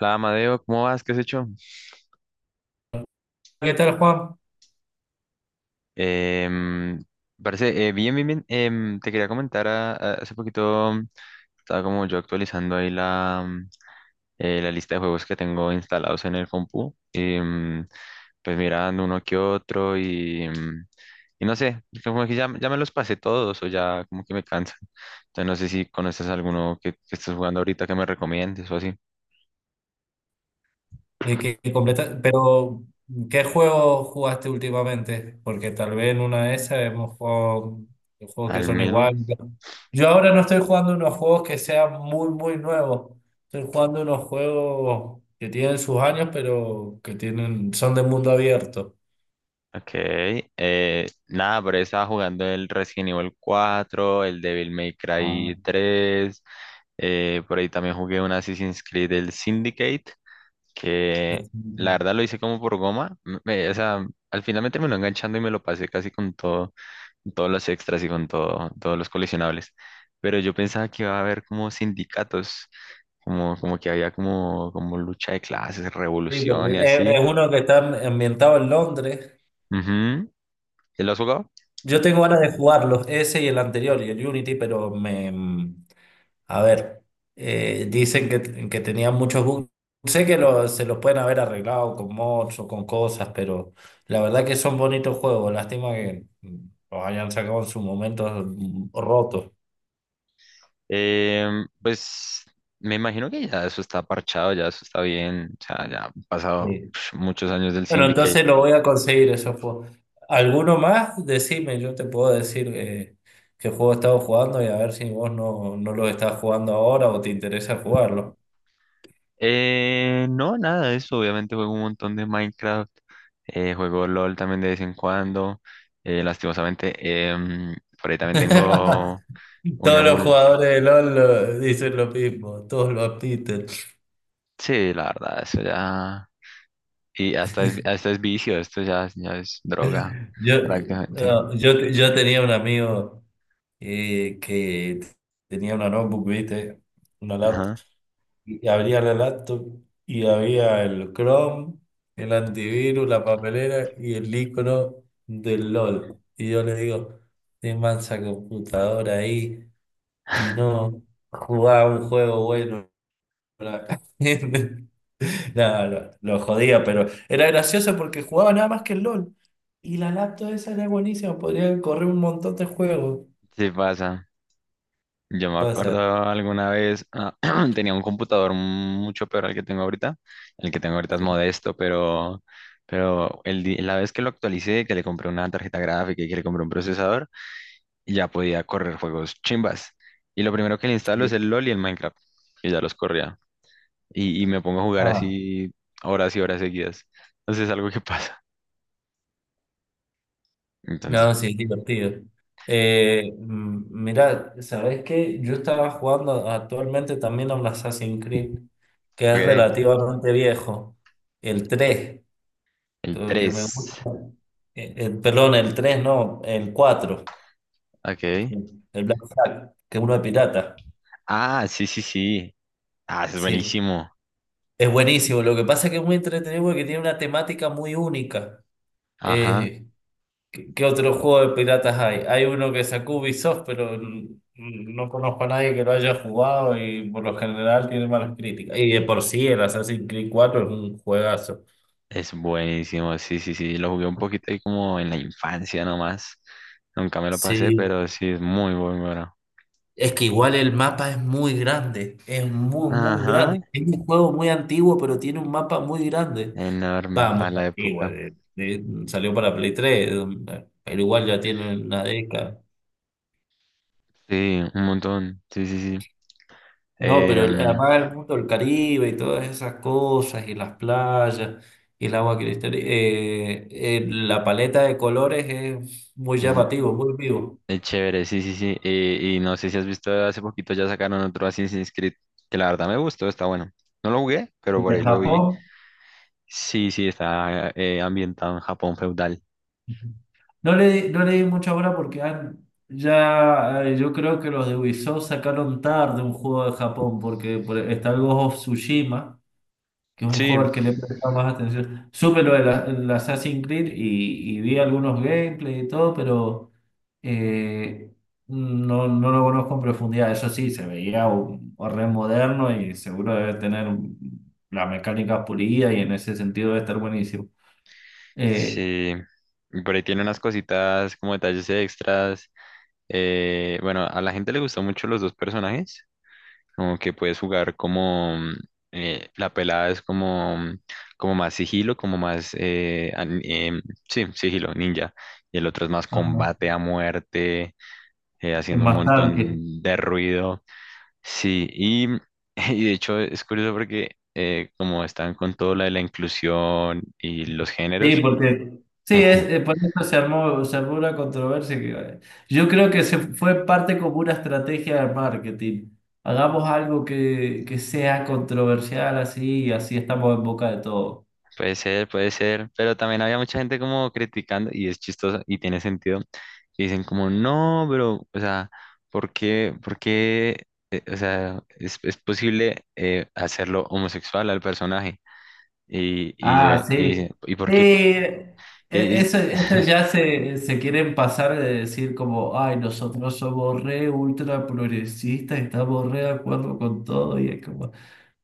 Hola, Amadeo, ¿cómo vas? ¿Qué has hecho? ¿Qué tal, Juan? Em, parece, bien, bien, bien. Te quería comentar, hace poquito, estaba como yo actualizando ahí la lista de juegos que tengo instalados en el compu. Y, pues mirando uno que otro y no sé, como que ya, ya me los pasé todos o ya como que me cansan. Entonces no sé si conoces alguno que estés jugando ahorita que me recomiendes o así. Pero, ¿qué juego jugaste últimamente? Porque tal vez en una de esas hemos jugado juegos que ¿Al son mismo? iguales. Yo ahora no estoy jugando unos juegos que sean muy, muy nuevos. Estoy jugando unos juegos que tienen sus años, pero son de mundo abierto. Ok, nada, pero estaba jugando el Resident Evil 4, el Devil May Ah, Cry 3, por ahí también jugué un Assassin's Creed, el Syndicate, que la verdad lo hice como por goma, o sea, al final me terminó enganchando y me lo pasé casi con todo, con todos los extras y con todo, todos los coleccionables, pero yo pensaba que iba a haber como sindicatos, como que había como lucha de clases, sí, porque revolución y es así. uno que está ambientado en Londres. Ujú. ¿Te lo has jugado? Yo tengo ganas de jugarlos, ese y el anterior, y el Unity, a ver, dicen que tenían muchos bugs. Sé que se los pueden haber arreglado con mods o con cosas, pero la verdad que son bonitos juegos. Lástima que los hayan sacado en su momento, rotos. Pues me imagino que ya eso está parchado, ya eso está bien, o sea, ya han pasado Sí. Muchos años del Bueno, Syndicate. entonces lo voy a conseguir esos juegos. ¿Alguno más? Decime, yo te puedo decir qué juego he estado jugando y a ver si vos no los estás jugando ahora o te interesa jugarlo. No, nada de eso, obviamente juego un montón de Minecraft, juego LOL también de vez en cuando, lastimosamente, em, por ahí también tengo un Todos los emul, jugadores de LOL dicen lo mismo, todos lo admiten. sí, la verdad, eso ya, y hasta es vicio, esto ya, ya es droga, Yo, prácticamente. no, yo tenía un amigo que tenía una notebook, ¿viste? Una laptop. Ajá, Y abría la laptop y había el Chrome, el antivirus, la papelera y el icono del LOL. Y yo le digo, de mansa computadora ahí y no jugaba un juego bueno. No, lo jodía, pero era gracioso porque jugaba nada más que el LOL. Y la laptop esa era buenísima, podría correr un montón de juegos. sí pasa. Yo me O sea, acuerdo alguna vez, tenía un computador mucho peor al que tengo ahorita. El que tengo ahorita es sí, modesto, pero la vez que lo actualicé, que le compré una tarjeta gráfica y que le compré un procesador, ya podía correr juegos chimbas. Y lo primero que le instalo es sí. el LOL y el Minecraft, que ya los corría. Y me pongo a jugar Ah, así horas y horas seguidas. Entonces es algo que pasa. Entonces, no, sí, es divertido. Mirá, ¿sabés qué? Yo estaba jugando actualmente también a un Assassin's Creed, que es ok, relativamente viejo, el 3 el lo que me 3. gusta. Perdón, el 3 no, el cuatro, Ok. el Black Flag, que es uno de pirata. Ah, sí, sí, sí. Ah, ese es Sí. buenísimo. Es buenísimo. Lo que pasa es que es muy entretenido porque tiene una temática muy única. Ajá. Eh, ¿qué otro juego de piratas hay? Hay uno que sacó Ubisoft, pero no conozco a nadie que lo haya jugado y por lo general tiene malas críticas. Y de por sí, el Assassin's Creed cuatro es un juegazo. Es buenísimo, sí, sí, sí. Lo jugué un poquito ahí como en la infancia nomás. Nunca me lo pasé, Sí, pero sí es muy muy bueno. es que igual el mapa es muy grande, es muy, muy Ajá, grande. Es un juego muy antiguo, pero tiene un mapa muy grande. enorme Va, muy para la antiguo, época. Salió para Play 3, pero igual ya tiene una década. Sí, un montón. Sí, sí, sí. No, pero Em, además el mundo del Caribe y todas esas cosas, y las playas, y el agua cristal, la paleta de colores es muy es, llamativo, muy vivo. es chévere, sí, sí, sí. Y no sé si has visto hace poquito ya sacaron otro Assassin's Creed, que la verdad me gustó, está bueno. No lo jugué, pero El por de ahí lo vi. Japón, Sí, sí, está ambientado en Japón feudal. No le di mucha hora porque ya, yo creo que los de Ubisoft sacaron tarde un juego de Japón, porque está el Ghost of Tsushima. Que es un Sí, juego al que le he prestado más atención. Supe lo de el Assassin's Creed y vi algunos gameplay y todo, pero eh, no, no lo conozco en profundidad. Eso sí, se veía un re moderno y seguro debe tener las mecánicas pulidas y en ese sentido debe estar buenísimo. Eh, sí, y por ahí tiene unas cositas como detalles extras. Bueno, a la gente le gustan mucho los dos personajes, como que puedes jugar como la pelada es como más sigilo, como más, sí, sigilo, ninja, y el otro es más ajá. combate a muerte, Es haciendo un más tanque. montón de ruido. Sí, y de hecho es curioso porque como están con todo lo de la inclusión y los Sí, géneros. porque sí, por eso se armó una controversia que yo creo que se fue parte como una estrategia de marketing. Hagamos algo que sea controversial así y así estamos en boca de todo. Puede ser, pero también había mucha gente como criticando, y es chistoso y tiene sentido, que dicen como, no, pero, o sea, por qué, o sea, es posible hacerlo homosexual al personaje? Y, y, yo- Ah, y, dice, sí. ¿y por Sí, qué? Y, y- eso ya se quieren pasar de decir como, ay, nosotros somos re ultra progresistas, estamos re de acuerdo con todo y es como,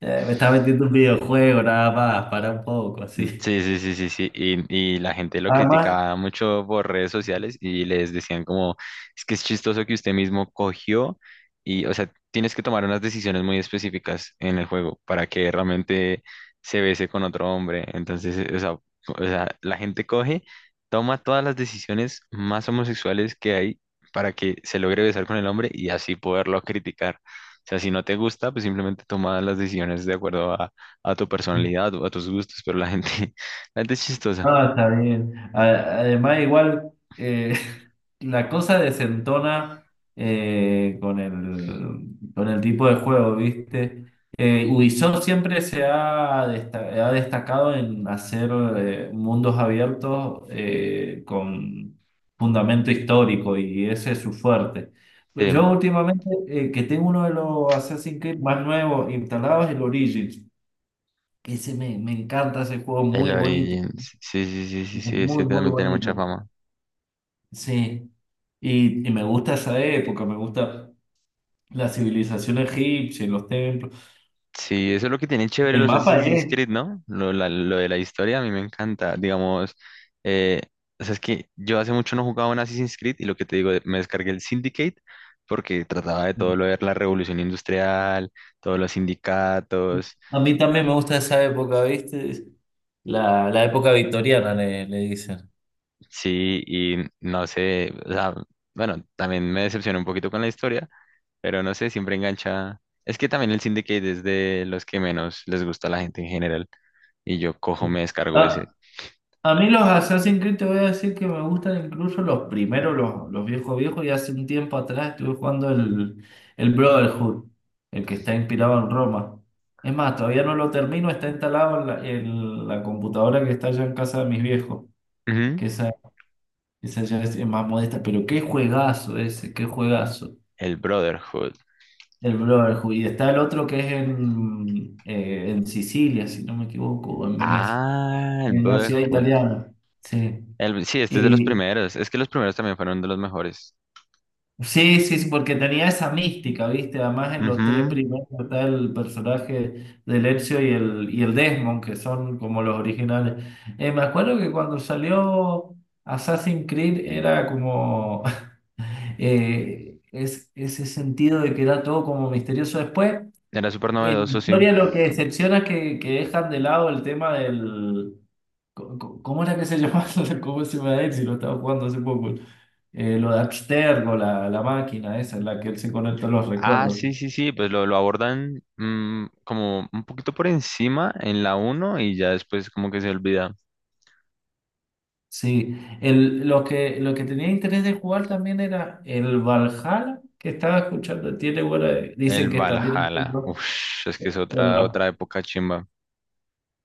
Me está vendiendo un videojuego nada más, para un poco, así." Sí, sí, sí, sí, sí. Y la gente lo Además, criticaba mucho por redes sociales y les decían como, es que es chistoso que usted mismo cogió y, o sea, tienes que tomar unas decisiones muy específicas en el juego para que realmente se bese con otro hombre. Entonces, o sea, la gente coge, toma todas las decisiones más homosexuales que hay para que se logre besar con el hombre y así poderlo criticar. O sea, si no te gusta, pues simplemente toma las decisiones de acuerdo a tu personalidad o a tus gustos, pero la gente, la gente es chistosa. No, está bien. Además, igual, eh, la cosa desentona con el tipo de juego, ¿viste? Ubisoft siempre ha destacado en hacer mundos abiertos con fundamento histórico y ese es su fuerte. Eh, Yo últimamente, que tengo uno de los Assassin's Creed más nuevos instalados, el Origins, que ese me encanta ese juego, el muy bonito. Origins, sí, sí, sí, sí, sí, ese Muy, muy también tiene mucha bonito. fama. Sí. Y me gusta esa época, me gusta la civilización egipcia, y los templos. Sí, eso es lo que tienen chévere El los mapa Assassin's es. Creed, ¿no? Lo de la historia a mí me encanta, digamos, eh, o sea, es que yo hace mucho no jugaba un Assassin's Creed y lo que te digo, me descargué el Syndicate porque trataba de todo lo de la revolución industrial, todos los sindicatos, A mí también me gusta esa época, ¿viste? La época victoriana, le dicen. sí, y no sé, o sea, bueno, también me decepcionó un poquito con la historia. Pero no sé, siempre engancha. Es que también el Syndicate es de los que menos les gusta a la gente en general. Y yo cojo, me descargo ese. Ah, a mí los Assassin's Creed te voy a decir que me gustan incluso los primeros, los viejos viejos, y hace un tiempo atrás estuve jugando el Brotherhood, el que está inspirado en Roma. Es más, todavía no lo termino, está instalado en la computadora que está allá en casa de mis viejos, Ujú. que esa ya es más modesta, pero qué juegazo ese, qué juegazo, El Brotherhood. el Brotherhood. Y está el otro que es en Sicilia, si no me equivoco, o en Venecia, Ah, el en una ciudad Brotherhood. italiana. Sí. Sí, este es de los Y, primeros. Es que los primeros también fueron de los mejores. Sí, sí, sí, porque tenía esa mística, ¿viste? Además en los tres Ujú. primeros está el personaje de Ezio y el Desmond, que son como los originales. Me acuerdo que cuando salió Assassin's Creed era como ese sentido de que era todo como misterioso. Después Era súper en novedoso, sí. historia lo que decepciona es que dejan de lado el tema del... ¿Cómo era que se llamaba? ¿Cómo se llama él si lo estaba jugando hace poco? Lo de Abstergo, la máquina esa en la que él se conecta a los Ah, recuerdos. sí, sí, sí. Pues lo abordan como un poquito por encima en la uno y ya después como que se olvida. Sí, lo que tenía interés de jugar también era el Valhalla, que estaba escuchando. El Dicen que también es muy Valhalla. Uf, es que es otra, bueno. otra época chimba.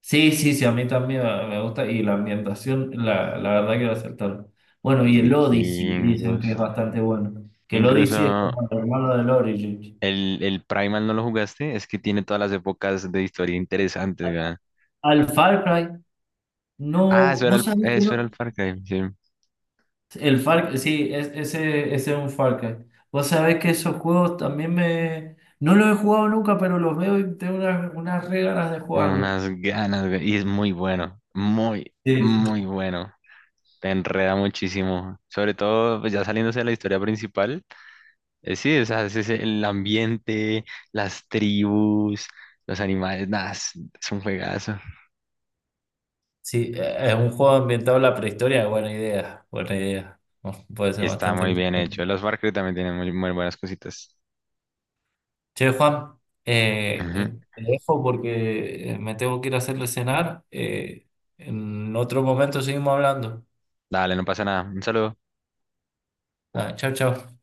Sí, sí, sí, a mí también me gusta y la ambientación, la verdad que lo acertaron. Bueno, Los y el Odyssey, dicen vikingos. que es bastante bueno. Que el Incluso Odyssey es como el hermano del Origin. el Primal no lo jugaste, es que tiene todas las épocas de historia interesantes, weón. Al Far Cry, Ah, no, eso era vos el, sabés que eso era no. el Far Cry, sí. El Far, sí, ese es un Far Cry. Vos sabés que esos juegos también me... No los he jugado nunca, pero los veo y tengo unas re ganas de jugarlos. Unas ganas, weón. Y es muy bueno, muy, Sí, muy sí. bueno. Te enreda muchísimo. Sobre todo, pues, ya saliéndose de la historia principal. Sí, o sea, el ambiente, las tribus, los animales, nada, es un juegazo. Sí, es un juego ambientado en la prehistoria, buena idea, buena idea. Puede ser Y está bastante muy bien hecho. entretenido. Los Far Cry también tienen muy, muy buenas cositas. Che, Juan, eh, eh, Ujú. te dejo porque me tengo que ir a hacerle cenar. En otro momento seguimos hablando. Dale, no pasa nada. Un saludo. Ah, chao, chao.